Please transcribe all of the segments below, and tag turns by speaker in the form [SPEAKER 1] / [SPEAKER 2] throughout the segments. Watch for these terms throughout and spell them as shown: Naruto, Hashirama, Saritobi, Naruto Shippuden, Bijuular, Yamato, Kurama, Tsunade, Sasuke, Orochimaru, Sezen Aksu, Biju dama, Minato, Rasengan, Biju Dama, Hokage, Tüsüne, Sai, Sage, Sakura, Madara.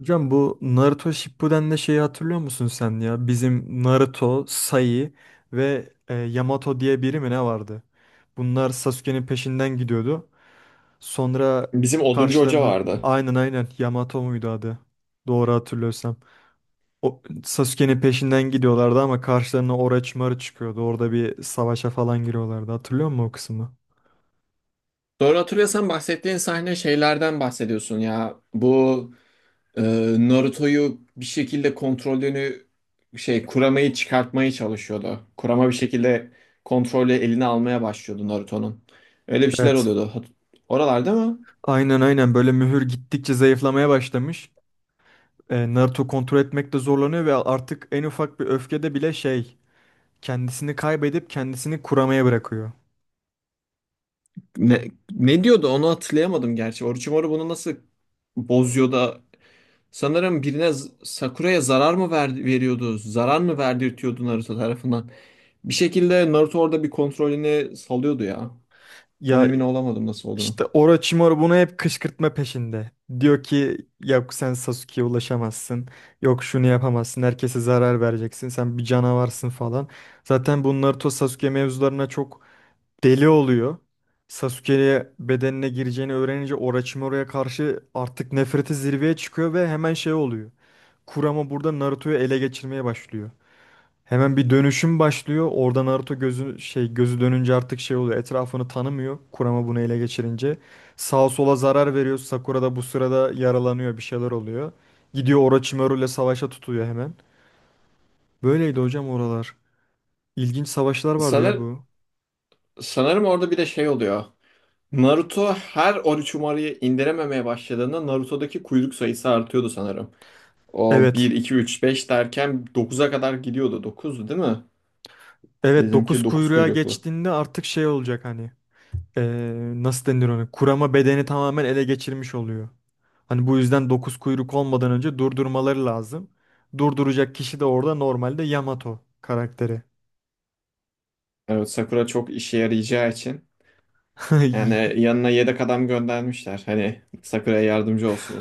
[SPEAKER 1] Hocam bu Naruto Shippuden'de şeyi hatırlıyor musun sen ya? Bizim Naruto, Sai ve Yamato diye biri mi ne vardı? Bunlar Sasuke'nin peşinden gidiyordu. Sonra
[SPEAKER 2] Bizim Oduncu Hoca
[SPEAKER 1] karşılarına
[SPEAKER 2] vardı.
[SPEAKER 1] aynen Yamato muydu adı? Doğru hatırlıyorsam. O Sasuke'nin peşinden gidiyorlardı ama karşılarına Orochimaru çıkıyordu. Orada bir savaşa falan giriyorlardı. Hatırlıyor musun o kısmı?
[SPEAKER 2] Doğru hatırlıyorsan bahsettiğin sahne şeylerden bahsediyorsun ya. E, Naruto'yu bir şekilde kontrolünü şey Kurama'yı çıkartmaya çalışıyordu. Kurama bir şekilde kontrolü eline almaya başlıyordu Naruto'nun. Öyle bir şeyler
[SPEAKER 1] Evet.
[SPEAKER 2] oluyordu. Oralarda mı?
[SPEAKER 1] Aynen böyle mühür gittikçe zayıflamaya başlamış. Naruto kontrol etmekte zorlanıyor ve artık en ufak bir öfkede bile şey kendisini kaybedip kendisini kuramaya bırakıyor.
[SPEAKER 2] Ne, ne diyordu onu hatırlayamadım gerçi. Orochimaru bunu nasıl bozuyor da sanırım Sakura'ya zarar mı verdi, veriyordu? Zarar mı verdirtiyordu Naruto tarafından? Bir şekilde Naruto orada bir kontrolünü salıyordu ya. Tam
[SPEAKER 1] Ya
[SPEAKER 2] emin olamadım nasıl olduğunu.
[SPEAKER 1] işte Orochimaru bunu hep kışkırtma peşinde. Diyor ki yok sen Sasuke'ye ulaşamazsın. Yok şunu yapamazsın. Herkese zarar vereceksin. Sen bir canavarsın falan. Zaten bu Naruto Sasuke mevzularına çok deli oluyor. Sasuke'ye bedenine gireceğini öğrenince Orochimaru'ya karşı artık nefreti zirveye çıkıyor ve hemen şey oluyor. Kurama burada Naruto'yu ele geçirmeye başlıyor. Hemen bir dönüşüm başlıyor. Orada Naruto gözü şey gözü dönünce artık şey oluyor. Etrafını tanımıyor. Kurama bunu ele geçirince sağa sola zarar veriyor. Sakura da bu sırada yaralanıyor, bir şeyler oluyor. Gidiyor Orochimaru ile savaşa tutuyor hemen. Böyleydi hocam oralar. İlginç savaşlar vardı ya
[SPEAKER 2] Sanır,
[SPEAKER 1] bu.
[SPEAKER 2] sanırım orada bir de şey oluyor. Naruto her Orochimaru'yu indirememeye başladığında Naruto'daki kuyruk sayısı artıyordu sanırım. O bir
[SPEAKER 1] Evet.
[SPEAKER 2] 2 3 5 derken dokuza kadar gidiyordu. 9'du değil mi?
[SPEAKER 1] Evet 9
[SPEAKER 2] Bizimki 9
[SPEAKER 1] kuyruğa
[SPEAKER 2] kuyruklu.
[SPEAKER 1] geçtiğinde artık şey olacak hani nasıl denir onu kurama bedeni tamamen ele geçirmiş oluyor. Hani bu yüzden 9 kuyruk olmadan önce durdurmaları lazım. Durduracak kişi de orada normalde Yamato karakteri.
[SPEAKER 2] Evet, Sakura çok işe yarayacağı için. Yani yanına yedek adam göndermişler. Hani Sakura'ya yardımcı olsun o.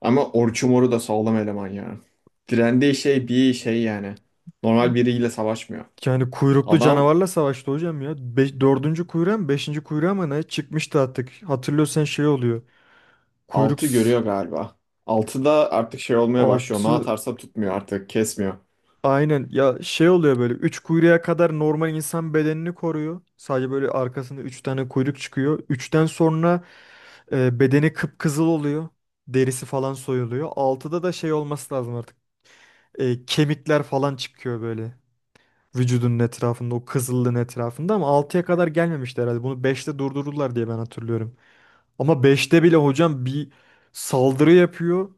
[SPEAKER 2] Ama Orochimaru da sağlam eleman ya. Direndiği şey bir şey yani. Normal biriyle savaşmıyor.
[SPEAKER 1] Yani kuyruklu
[SPEAKER 2] Adam
[SPEAKER 1] canavarla savaştı hocam ya. Be dördüncü kuyruğa mı beşinci kuyruğa mı ne çıkmıştı artık. Hatırlıyorsan şey oluyor. Kuyruk
[SPEAKER 2] 6 görüyor galiba. Altı da artık şey olmaya başlıyor. Ne
[SPEAKER 1] altı.
[SPEAKER 2] atarsa tutmuyor artık, kesmiyor.
[SPEAKER 1] Aynen, şey oluyor böyle 3 kuyruğa kadar normal insan bedenini koruyor. Sadece böyle arkasında 3 tane kuyruk çıkıyor. Üçten sonra bedeni kıpkızıl oluyor. Derisi falan soyuluyor. Altıda da şey olması lazım artık. Kemikler falan çıkıyor böyle. Vücudunun etrafında o kızıllığın etrafında ama altıya kadar gelmemişti herhalde. Bunu beşte durdururlar diye ben hatırlıyorum. Ama beşte bile hocam bir saldırı yapıyor.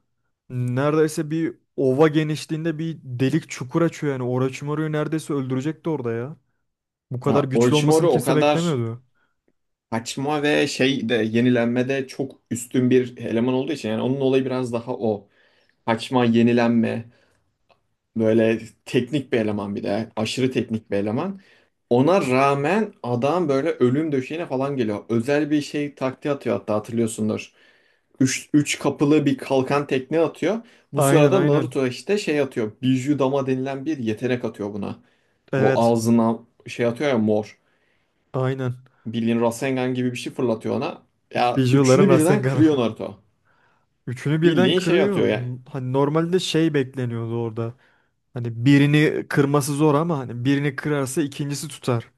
[SPEAKER 1] Neredeyse bir ova genişliğinde bir delik çukur açıyor yani. Orochimaru'yu neredeyse öldürecekti orada ya. Bu kadar
[SPEAKER 2] Ya
[SPEAKER 1] güçlü olmasını
[SPEAKER 2] Orochimaru o
[SPEAKER 1] kimse
[SPEAKER 2] kadar
[SPEAKER 1] beklemiyordu.
[SPEAKER 2] kaçma ve şey de yenilenmede çok üstün bir eleman olduğu için yani onun olayı biraz daha o. Kaçma, yenilenme, böyle teknik bir eleman bir de. Aşırı teknik bir eleman. Ona rağmen adam böyle ölüm döşeğine falan geliyor. Özel bir şey taktiği atıyor hatta hatırlıyorsundur. Üç kapılı bir kalkan tekne atıyor. Bu
[SPEAKER 1] Aynen
[SPEAKER 2] sırada
[SPEAKER 1] aynen.
[SPEAKER 2] Naruto işte şey atıyor. Biju Dama denilen bir yetenek atıyor buna. O
[SPEAKER 1] Evet.
[SPEAKER 2] ağzına şey atıyor ya mor.
[SPEAKER 1] Aynen.
[SPEAKER 2] Bildiğin Rasengan gibi bir şey fırlatıyor ona. Ya
[SPEAKER 1] Bijuların
[SPEAKER 2] üçünü birden
[SPEAKER 1] Rasengan'ı.
[SPEAKER 2] kırıyor Naruto.
[SPEAKER 1] Üçünü birden
[SPEAKER 2] Bildiğin şey atıyor
[SPEAKER 1] kırıyor.
[SPEAKER 2] ya.
[SPEAKER 1] Hani normalde şey bekleniyordu orada. Hani birini kırması zor ama hani birini kırarsa ikincisi tutar.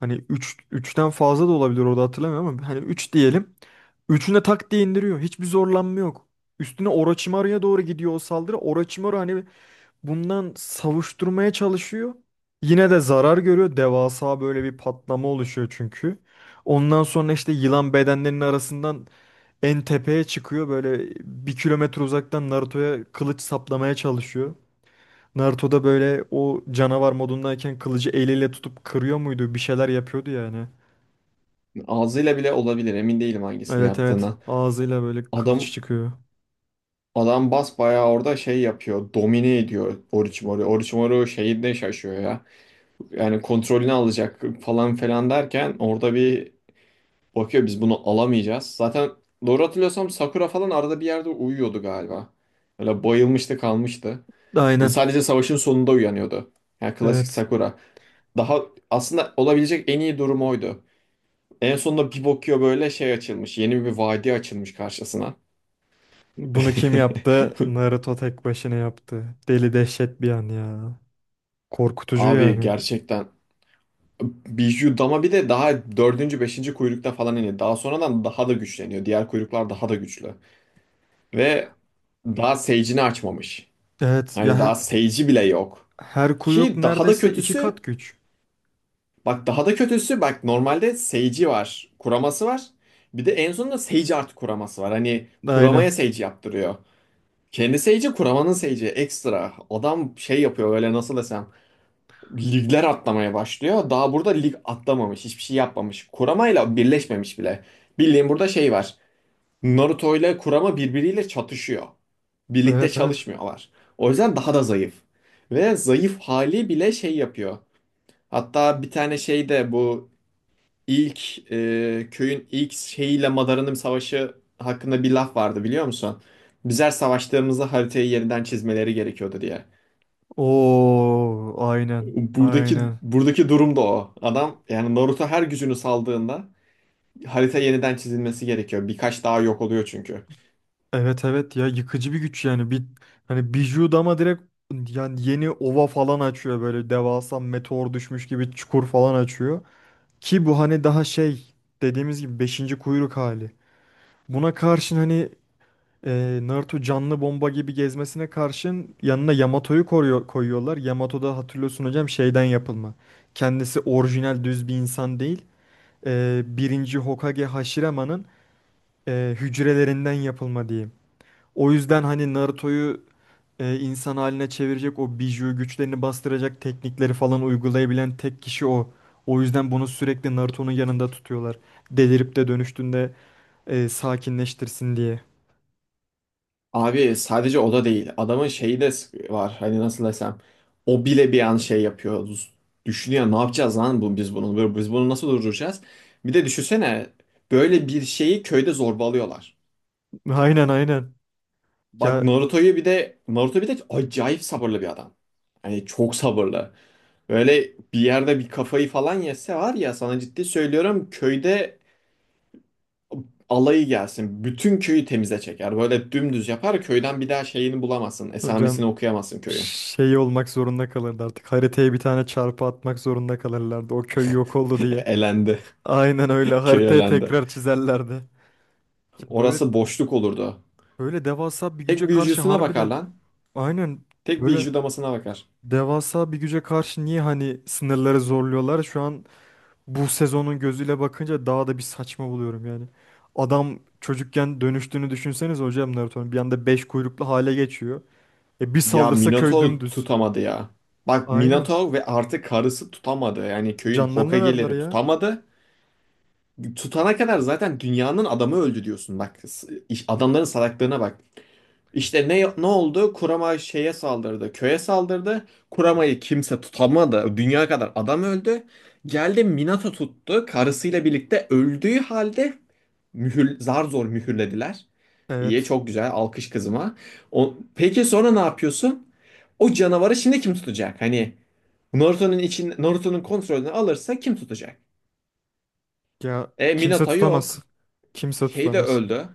[SPEAKER 1] Hani üçten fazla da olabilir orada hatırlamıyorum ama hani 3 diyelim. Üçüne tak diye indiriyor. Hiçbir zorlanma yok. Üstüne Orochimaru'ya doğru gidiyor o saldırı. Orochimaru hani bundan savuşturmaya çalışıyor. Yine de zarar görüyor. Devasa böyle bir patlama oluşuyor çünkü. Ondan sonra işte yılan bedenlerinin arasından en tepeye çıkıyor. Böyle bir kilometre uzaktan Naruto'ya kılıç saplamaya çalışıyor. Naruto da böyle o canavar modundayken kılıcı eliyle tutup kırıyor muydu? Bir şeyler yapıyordu yani.
[SPEAKER 2] Ağzıyla bile olabilir, emin değilim hangisini
[SPEAKER 1] Evet.
[SPEAKER 2] yaptığına.
[SPEAKER 1] Ağzıyla böyle kılıç
[SPEAKER 2] Adam
[SPEAKER 1] çıkıyor.
[SPEAKER 2] Adam basbayağı orada şey yapıyor. Domine ediyor Orochimaru. Orochimaru şeyinde şaşıyor ya. Yani kontrolünü alacak falan falan derken orada bir bakıyor biz bunu alamayacağız. Zaten doğru hatırlıyorsam Sakura falan arada bir yerde uyuyordu galiba. Öyle bayılmıştı kalmıştı.
[SPEAKER 1] Aynen.
[SPEAKER 2] Sadece savaşın sonunda uyanıyordu. Yani klasik
[SPEAKER 1] Evet.
[SPEAKER 2] Sakura. Daha aslında olabilecek en iyi durum oydu. En sonunda bir bakıyor böyle şey açılmış. Yeni bir vadi açılmış karşısına.
[SPEAKER 1] Bunu kim yaptı? Naruto tek başına yaptı. Deli dehşet bir an ya. Korkutucu
[SPEAKER 2] Abi
[SPEAKER 1] yani.
[SPEAKER 2] gerçekten Biju Dama bir de daha beşinci kuyrukta falan iniyor. Daha sonradan daha da güçleniyor. Diğer kuyruklar daha da güçlü. Ve daha Sage'ini açmamış.
[SPEAKER 1] Evet ya
[SPEAKER 2] Hani daha Sage'i bile yok.
[SPEAKER 1] her kuyruk
[SPEAKER 2] Ki daha da
[SPEAKER 1] neredeyse iki
[SPEAKER 2] kötüsü,
[SPEAKER 1] kat güç.
[SPEAKER 2] bak daha da kötüsü, bak normalde Sage'i var, kuraması var. Bir de en sonunda Sage artı kuraması var. Hani
[SPEAKER 1] Aynen.
[SPEAKER 2] kuramaya Sage yaptırıyor. Kendi Sage'i kuramanın Sage'i ekstra. Adam şey yapıyor öyle nasıl desem. Ligler atlamaya başlıyor. Daha burada lig atlamamış, hiçbir şey yapmamış. Kurama ile birleşmemiş bile. Bildiğin burada şey var. Naruto ile Kurama birbiriyle çatışıyor. Birlikte
[SPEAKER 1] Evet.
[SPEAKER 2] çalışmıyorlar. O yüzden daha da zayıf. Ve zayıf hali bile şey yapıyor. Hatta bir tane şeyde bu köyün ilk şeyiyle Madara'nın savaşı hakkında bir laf vardı biliyor musun? Bizler savaştığımızda haritayı yeniden çizmeleri gerekiyordu diye.
[SPEAKER 1] Oo aynen. Aynen.
[SPEAKER 2] Buradaki durum da o. Adam yani Naruto her gücünü saldığında harita yeniden çizilmesi gerekiyor. Birkaç daha yok oluyor çünkü.
[SPEAKER 1] Evet ya yıkıcı bir güç yani. Bir hani Bijuu dama direkt yani yeni ova falan açıyor böyle devasa meteor düşmüş gibi çukur falan açıyor. Ki bu hani daha şey dediğimiz gibi beşinci kuyruk hali. Buna karşın hani Naruto canlı bomba gibi gezmesine karşın yanına Yamato'yu koruyor, koyuyorlar. Yamato da hatırlıyorsun hocam şeyden yapılma. Kendisi orijinal düz bir insan değil. E, birinci Hokage Hashirama'nın hücrelerinden yapılma diyeyim. O yüzden hani Naruto'yu insan haline çevirecek o biju güçlerini bastıracak teknikleri falan uygulayabilen tek kişi o. O yüzden bunu sürekli Naruto'nun yanında tutuyorlar. Delirip de dönüştüğünde sakinleştirsin diye.
[SPEAKER 2] Abi sadece o da değil. Adamın şeyi de var. Hani nasıl desem. O bile bir an şey yapıyor. Düşünüyor ne yapacağız lan bu, biz bunu. Biz bunu nasıl durduracağız? Bir de düşünsene. Böyle bir şeyi köyde zorbalıyorlar.
[SPEAKER 1] Aynen.
[SPEAKER 2] Bak
[SPEAKER 1] Ya
[SPEAKER 2] Naruto'yu bir de Naruto bir de acayip sabırlı bir adam. Hani çok sabırlı. Böyle bir yerde bir kafayı falan yese var ya sana ciddi söylüyorum köyde alayı gelsin. Bütün köyü temize çeker. Böyle dümdüz yapar köyden bir daha şeyini bulamazsın.
[SPEAKER 1] hocam
[SPEAKER 2] Esamesini okuyamazsın köyün.
[SPEAKER 1] şey olmak zorunda kalırdı artık. Haritaya bir tane çarpı atmak zorunda kalırlardı. O köy yok oldu diye.
[SPEAKER 2] Elendi.
[SPEAKER 1] Aynen öyle
[SPEAKER 2] Köy
[SPEAKER 1] haritaya
[SPEAKER 2] elendi.
[SPEAKER 1] tekrar çizerlerdi. Ya böyle
[SPEAKER 2] Orası boşluk olurdu.
[SPEAKER 1] böyle devasa bir güce
[SPEAKER 2] Tek
[SPEAKER 1] karşı
[SPEAKER 2] büyücüsüne bakar
[SPEAKER 1] harbiden
[SPEAKER 2] lan.
[SPEAKER 1] aynen
[SPEAKER 2] Tek
[SPEAKER 1] böyle.
[SPEAKER 2] büyücü damasına bakar.
[SPEAKER 1] Devasa bir güce karşı niye hani sınırları zorluyorlar? Şu an bu sezonun gözüyle bakınca daha da bir saçma buluyorum yani. Adam çocukken dönüştüğünü düşünseniz hocam Naruto'nun bir anda beş kuyruklu hale geçiyor. E bir
[SPEAKER 2] Ya
[SPEAKER 1] saldırsa köy
[SPEAKER 2] Minotaur
[SPEAKER 1] dümdüz.
[SPEAKER 2] tutamadı ya. Bak
[SPEAKER 1] Aynen.
[SPEAKER 2] Minotaur ve artık karısı tutamadı. Yani köyün
[SPEAKER 1] Canlarını verdiler
[SPEAKER 2] Hokage'leri
[SPEAKER 1] ya.
[SPEAKER 2] tutamadı. Tutana kadar zaten dünyanın adamı öldü diyorsun. Bak adamların salaklığına bak. İşte ne oldu? Kurama köye saldırdı. Kurama'yı kimse tutamadı. Dünya kadar adam öldü. Geldi Minato tuttu. Karısıyla birlikte öldüğü halde zar zor mühürlediler. İyi,
[SPEAKER 1] Evet.
[SPEAKER 2] çok güzel. Alkış kızıma. O, peki sonra ne yapıyorsun? O canavarı şimdi kim tutacak? Hani Naruto'nun kontrolünü alırsa kim tutacak?
[SPEAKER 1] Ya
[SPEAKER 2] E
[SPEAKER 1] kimse
[SPEAKER 2] Minato
[SPEAKER 1] tutamaz.
[SPEAKER 2] yok.
[SPEAKER 1] Kimse
[SPEAKER 2] Şey de
[SPEAKER 1] tutamaz.
[SPEAKER 2] öldü.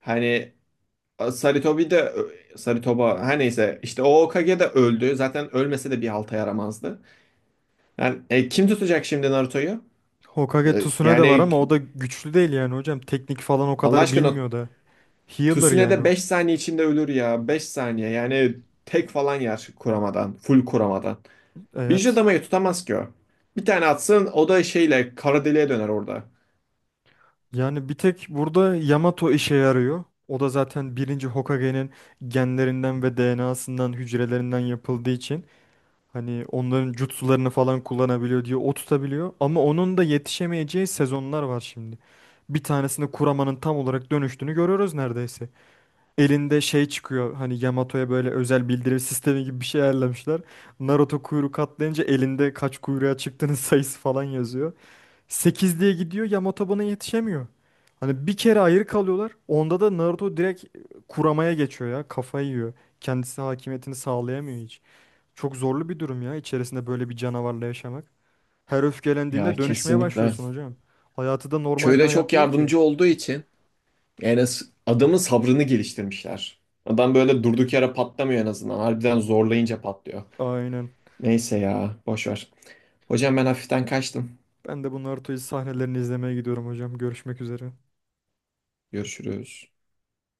[SPEAKER 2] Hani e, Saritobi de Saritoba her neyse işte o Hokage de öldü. Zaten ölmese de bir halta yaramazdı. Yani kim tutacak şimdi Naruto'yu?
[SPEAKER 1] Hokage
[SPEAKER 2] E,
[SPEAKER 1] Tsunade de var
[SPEAKER 2] yani
[SPEAKER 1] ama o da güçlü değil yani hocam. Teknik falan o
[SPEAKER 2] Allah
[SPEAKER 1] kadar
[SPEAKER 2] aşkına
[SPEAKER 1] bilmiyor da. Healer
[SPEAKER 2] Tüsüne
[SPEAKER 1] yani
[SPEAKER 2] de
[SPEAKER 1] o.
[SPEAKER 2] 5 saniye içinde ölür ya. Beş saniye yani tek falan yer kuramadan. Full kuramadan. Bir
[SPEAKER 1] Evet.
[SPEAKER 2] adamayı tutamaz ki o. Bir tane atsın o da şeyle kara deliğe döner orada.
[SPEAKER 1] Yani bir tek burada Yamato işe yarıyor. O da zaten birinci Hokage'nin genlerinden ve DNA'sından, hücrelerinden yapıldığı için hani onların jutsularını falan kullanabiliyor diye o tutabiliyor. Ama onun da yetişemeyeceği sezonlar var şimdi. Bir tanesinde Kurama'nın tam olarak dönüştüğünü görüyoruz neredeyse. Elinde şey çıkıyor hani Yamato'ya böyle özel bildirim sistemi gibi bir şey ayarlamışlar. Naruto kuyruk atlayınca elinde kaç kuyruğa çıktığının sayısı falan yazıyor. 8 diye gidiyor Yamato buna yetişemiyor. Hani bir kere ayrı kalıyorlar. Onda da Naruto direkt kuramaya geçiyor ya. Kafayı yiyor. Kendisi hakimiyetini sağlayamıyor hiç. Çok zorlu bir durum ya içerisinde böyle bir canavarla yaşamak. Her
[SPEAKER 2] Ya
[SPEAKER 1] öfkelendiğinde dönüşmeye
[SPEAKER 2] kesinlikle.
[SPEAKER 1] başlıyorsun hocam. Hayatı da normal bir
[SPEAKER 2] Köyde çok
[SPEAKER 1] hayat değil ki.
[SPEAKER 2] yardımcı olduğu için yani adamın sabrını geliştirmişler. Adam böyle durduk yere patlamıyor en azından. Harbiden zorlayınca patlıyor.
[SPEAKER 1] Aynen.
[SPEAKER 2] Neyse ya boş ver. Hocam ben hafiften kaçtım.
[SPEAKER 1] Ben de bu Naruto'yu sahnelerini izlemeye gidiyorum hocam. Görüşmek üzere.
[SPEAKER 2] Görüşürüz.